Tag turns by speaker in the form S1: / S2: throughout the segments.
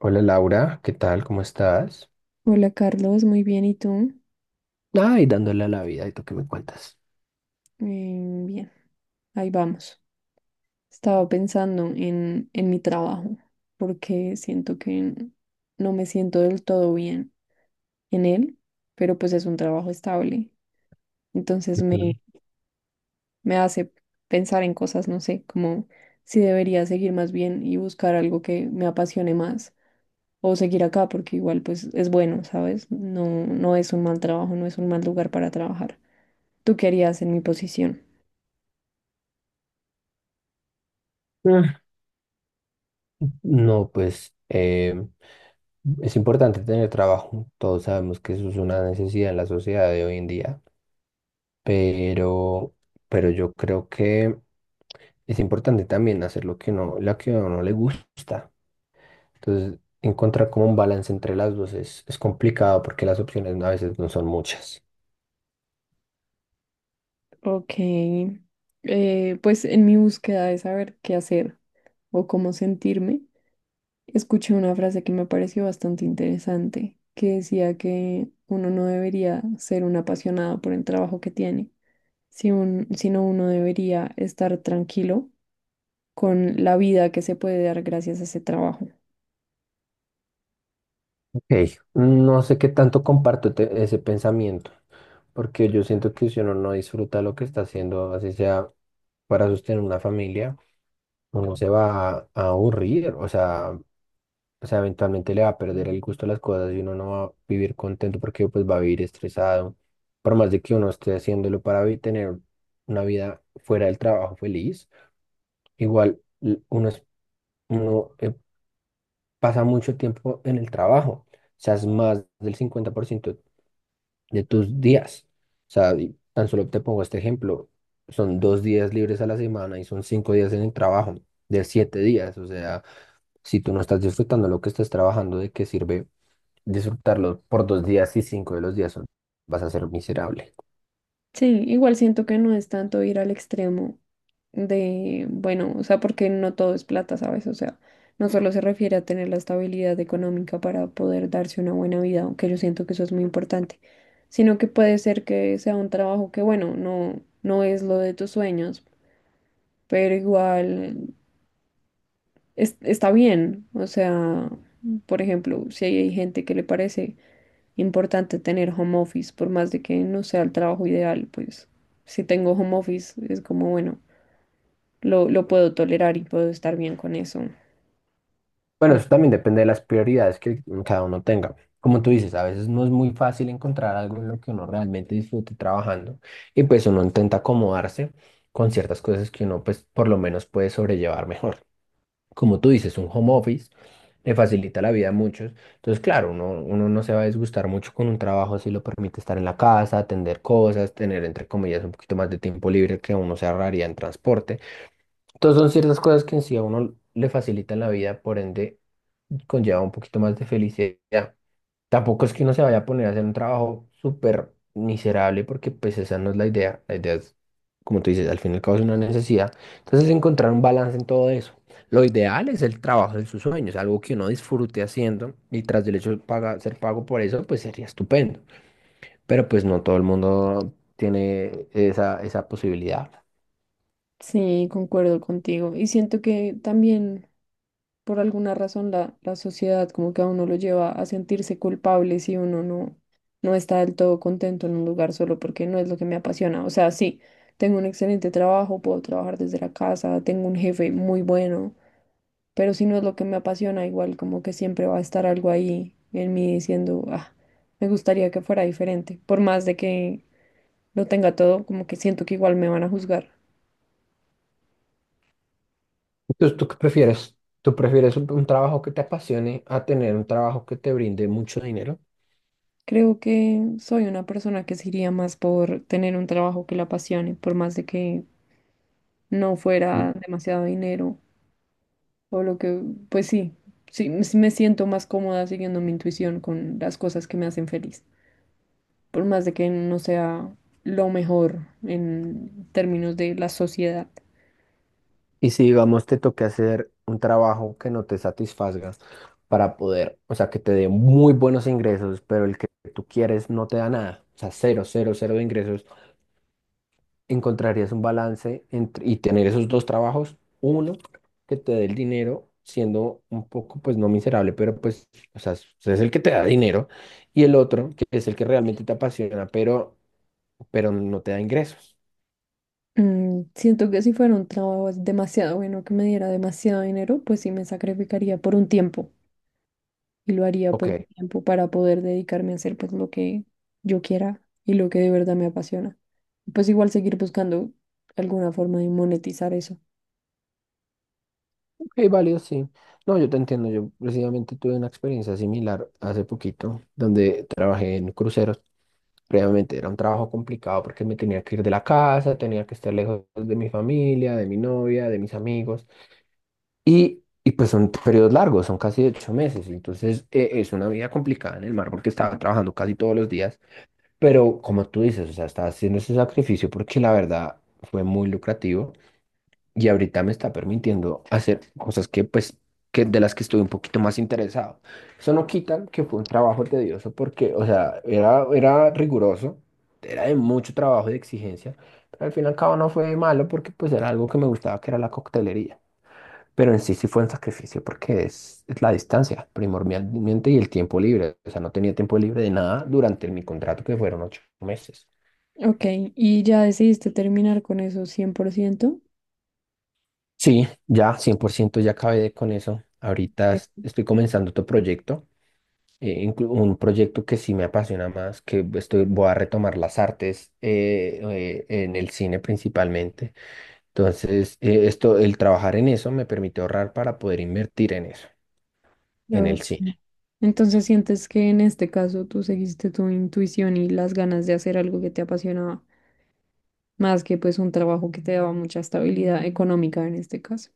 S1: Hola Laura, ¿qué tal? ¿Cómo estás?
S2: Hola Carlos, muy bien, ¿y tú?
S1: Ay, dándole a la vida, ¿y tú qué me cuentas?
S2: Bien, ahí vamos. Estaba pensando en mi trabajo porque siento que no me siento del todo bien en él, pero pues es un trabajo estable. Entonces
S1: Ujú.
S2: me hace pensar en cosas, no sé, como si debería seguir más bien y buscar algo que me apasione más o seguir acá porque igual pues es bueno, ¿sabes? No es un mal trabajo, no es un mal lugar para trabajar. ¿Tú qué harías en mi posición?
S1: Ah. No, pues es importante tener trabajo. Todos sabemos que eso es una necesidad en la sociedad de hoy en día, pero, pero yo creo que es importante también hacer lo que no, la que a uno le gusta. Entonces, encontrar como un balance entre las dos es complicado porque las opciones a veces no son muchas.
S2: Ok, pues en mi búsqueda de saber qué hacer o cómo sentirme, escuché una frase que me pareció bastante interesante, que decía que uno no debería ser un apasionado por el trabajo que tiene, si un- sino uno debería estar tranquilo con la vida que se puede dar gracias a ese trabajo.
S1: Ok, no sé qué tanto comparto ese pensamiento porque yo siento que si uno no disfruta lo que está haciendo, así sea para sostener una familia, uno se va a aburrir, o sea, eventualmente le va a perder el gusto a las cosas y uno no va a vivir contento porque pues va a vivir estresado, por más de que uno esté haciéndolo para tener una vida fuera del trabajo feliz, igual uno pasa mucho tiempo en el trabajo, o sea, es más del 50% de tus días. O sea, y tan solo te pongo este ejemplo. Son 2 días libres a la semana y son 5 días en el trabajo, de 7 días. O sea, si tú no estás disfrutando lo que estás trabajando, ¿de qué sirve disfrutarlo por 2 días y 5 de los días? Vas a ser miserable.
S2: Sí, igual siento que no es tanto ir al extremo de, bueno, o sea, porque no todo es plata, ¿sabes? O sea, no solo se refiere a tener la estabilidad económica para poder darse una buena vida, aunque yo siento que eso es muy importante, sino que puede ser que sea un trabajo que, bueno, no es lo de tus sueños, pero igual está bien. O sea, por ejemplo, si hay gente que le parece importante tener home office, por más de que no sea el trabajo ideal, pues si tengo home office es como, bueno, lo puedo tolerar y puedo estar bien con eso.
S1: Bueno,
S2: ¿No?
S1: eso también depende de las prioridades que cada uno tenga. Como tú dices, a veces no es muy fácil encontrar algo en lo que uno realmente disfrute trabajando y pues uno intenta acomodarse con ciertas cosas que uno pues por lo menos puede sobrellevar mejor. Como tú dices, un home office le facilita la vida a muchos. Entonces, claro, uno no se va a disgustar mucho con un trabajo si lo permite estar en la casa, atender cosas, tener, entre comillas, un poquito más de tiempo libre que uno se ahorraría en transporte. Entonces, son ciertas cosas que en sí a uno le facilitan la vida, por ende, conlleva un poquito más de felicidad. Tampoco es que uno se vaya a poner a hacer un trabajo súper miserable porque pues esa no es la idea. La idea es, como tú dices, al fin y al cabo es una necesidad. Entonces encontrar un balance en todo eso. Lo ideal es el trabajo de sus sueños, algo que uno disfrute haciendo y tras del hecho de ser pago por eso, pues sería estupendo. Pero pues no todo el mundo tiene esa posibilidad.
S2: Sí, concuerdo contigo. Y siento que también por alguna razón la sociedad como que a uno lo lleva a sentirse culpable si uno no, no está del todo contento en un lugar solo porque no es lo que me apasiona. O sea, sí, tengo un excelente trabajo, puedo trabajar desde la casa, tengo un jefe muy bueno, pero si no es lo que me apasiona, igual como que siempre va a estar algo ahí en mí diciendo, ah, me gustaría que fuera diferente, por más de que lo tenga todo, como que siento que igual me van a juzgar.
S1: Entonces, ¿tú qué prefieres? ¿Tú prefieres un trabajo que te apasione a tener un trabajo que te brinde mucho dinero?
S2: Creo que soy una persona que se iría más por tener un trabajo que la apasione, por más de que no fuera demasiado dinero o lo que, pues sí, me siento más cómoda siguiendo mi intuición con las cosas que me hacen feliz, por más de que no sea lo mejor en términos de la sociedad.
S1: Y si, digamos, te toque hacer un trabajo que no te satisfaga para poder, o sea, que te dé muy buenos ingresos, pero el que tú quieres no te da nada, o sea, cero, cero, cero de ingresos, ¿encontrarías un balance entre, y tener esos dos trabajos? Uno, que te dé el dinero siendo un poco, pues no miserable, pero pues, o sea, es el que te da dinero, y el otro, que es el que realmente te apasiona, pero no te da ingresos.
S2: Mm, siento que si fuera un trabajo demasiado bueno que me diera demasiado dinero, pues sí me sacrificaría por un tiempo y lo haría
S1: Ok.
S2: por un tiempo para poder dedicarme a hacer pues lo que yo quiera y lo que de verdad me apasiona. Pues igual seguir buscando alguna forma de monetizar eso.
S1: Sí, válido, sí. No, yo te entiendo. Yo precisamente tuve una experiencia similar hace poquito, donde trabajé en cruceros. Previamente era un trabajo complicado porque me tenía que ir de la casa, tenía que estar lejos de mi familia, de mi novia, de mis amigos. Y pues son periodos largos, son casi 8 meses. Entonces es una vida complicada en el mar porque estaba trabajando casi todos los días. Pero como tú dices, o sea, estaba haciendo ese sacrificio porque la verdad fue muy lucrativo y ahorita me está permitiendo hacer cosas que pues que de las que estuve un poquito más interesado. Eso no quita que fue un trabajo tedioso porque, o sea, era riguroso, era de mucho trabajo y de exigencia, pero al fin y al cabo no fue malo porque pues era algo que me gustaba, que era la coctelería. Pero en sí sí fue un sacrificio porque es la distancia primordialmente y el tiempo libre. O sea, no tenía tiempo libre de nada durante mi contrato que fueron 8 meses.
S2: Ok, ¿y ya decidiste terminar con eso 100%?
S1: Sí, ya, 100% ya acabé con eso. Ahorita
S2: Eh,
S1: estoy comenzando otro proyecto, un proyecto que sí me apasiona más, que estoy, voy a retomar las artes en el cine principalmente. Entonces, esto, el trabajar en eso me permite ahorrar para poder invertir en eso, en el
S2: Ok.
S1: cine.
S2: Entonces sientes que en este caso tú seguiste tu intuición y las ganas de hacer algo que te apasionaba, más que pues un trabajo que te daba mucha estabilidad económica en este caso.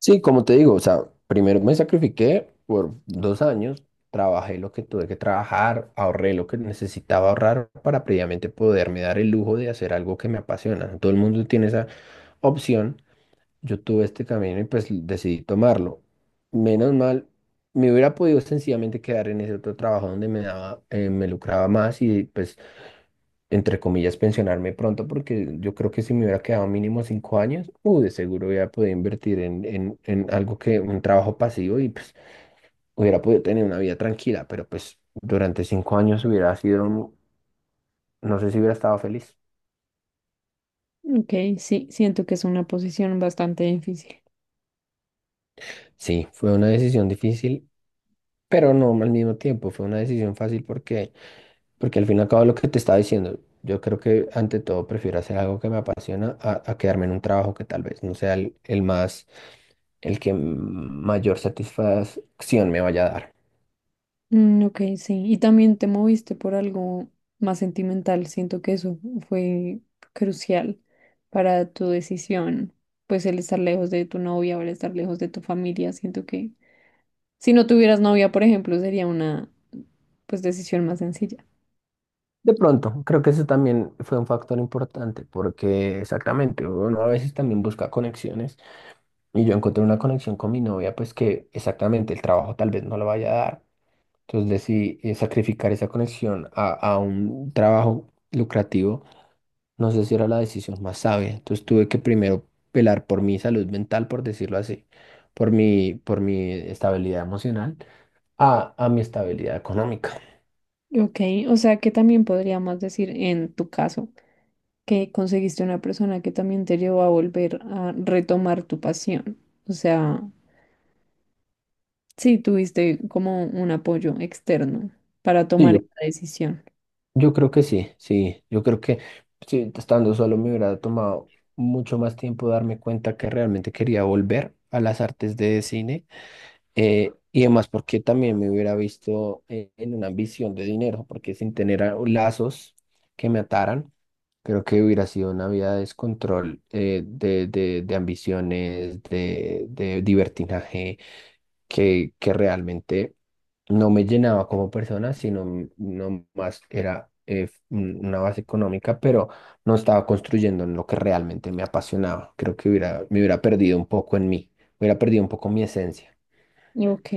S1: Sí, como te digo, o sea, primero me sacrifiqué por 2 años, trabajé lo que tuve que trabajar, ahorré lo que necesitaba ahorrar para previamente poderme dar el lujo de hacer algo que me apasiona. Todo el mundo tiene esa opción. Yo tuve este camino y pues decidí tomarlo. Menos mal, me hubiera podido sencillamente quedar en ese otro trabajo donde me daba, me lucraba más y pues entre comillas, pensionarme pronto, porque yo creo que si me hubiera quedado mínimo 5 años, de seguro hubiera podido invertir en algo que, un trabajo pasivo y pues hubiera podido tener una vida tranquila, pero pues durante 5 años hubiera sido, no sé si hubiera estado feliz.
S2: Ok, sí, siento que es una posición bastante difícil.
S1: Sí, fue una decisión difícil, pero no al mismo tiempo, fue una decisión fácil porque al fin y al cabo lo que te estaba diciendo, yo creo que ante todo prefiero hacer algo que me apasiona a quedarme en un trabajo que tal vez no sea el más, el que mayor satisfacción me vaya a dar.
S2: Mm, ok, sí. Y también te moviste por algo más sentimental. Siento que eso fue crucial para tu decisión. Pues el estar lejos de tu novia o el estar lejos de tu familia. Siento que si no tuvieras novia, por ejemplo, sería una pues decisión más sencilla.
S1: De pronto, creo que eso también fue un factor importante porque exactamente, uno a veces también busca conexiones y yo encontré una conexión con mi novia, pues que exactamente el trabajo tal vez no lo vaya a dar. Entonces decidí sacrificar esa conexión a un trabajo lucrativo. No sé si era la decisión más sabia. Entonces tuve que primero velar por mi salud mental, por decirlo así, por mi estabilidad emocional, a mi estabilidad económica.
S2: Ok, o sea que también podríamos decir en tu caso que conseguiste una persona que también te llevó a volver a retomar tu pasión. O sea, sí, tuviste como un apoyo externo para
S1: Sí,
S2: tomar
S1: yo,
S2: esa decisión.
S1: yo creo que sí, sí. Yo creo que sí, estando solo me hubiera tomado mucho más tiempo darme cuenta que realmente quería volver a las artes de cine. Y además porque también me hubiera visto en una ambición de dinero, porque sin tener lazos que me ataran, creo que hubiera sido una vida de descontrol, de ambiciones, de libertinaje, que realmente no me llenaba como persona, sino no más era una base económica, pero no estaba construyendo en lo que realmente me apasionaba. Creo que me hubiera perdido un poco en mí, hubiera perdido un poco mi esencia.
S2: Ok,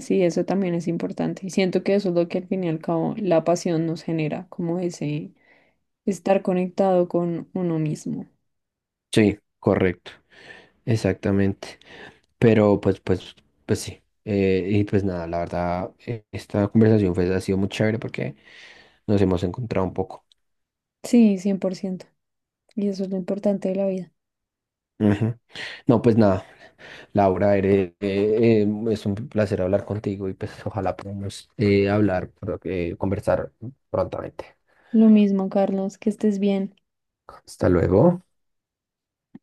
S2: sí, eso también es importante. Y siento que eso es lo que al fin y al cabo la pasión nos genera, como ese estar conectado con uno mismo.
S1: Sí, correcto, exactamente. Pero pues sí. Y pues nada, la verdad, esta conversación ha sido muy chévere porque nos hemos encontrado un poco.
S2: Sí, cien por ciento. Y eso es lo importante de la vida.
S1: Ujú. No, pues nada, Laura, es un placer hablar contigo y pues ojalá podamos hablar, conversar prontamente.
S2: Lo mismo, Carlos, que estés bien.
S1: Hasta luego.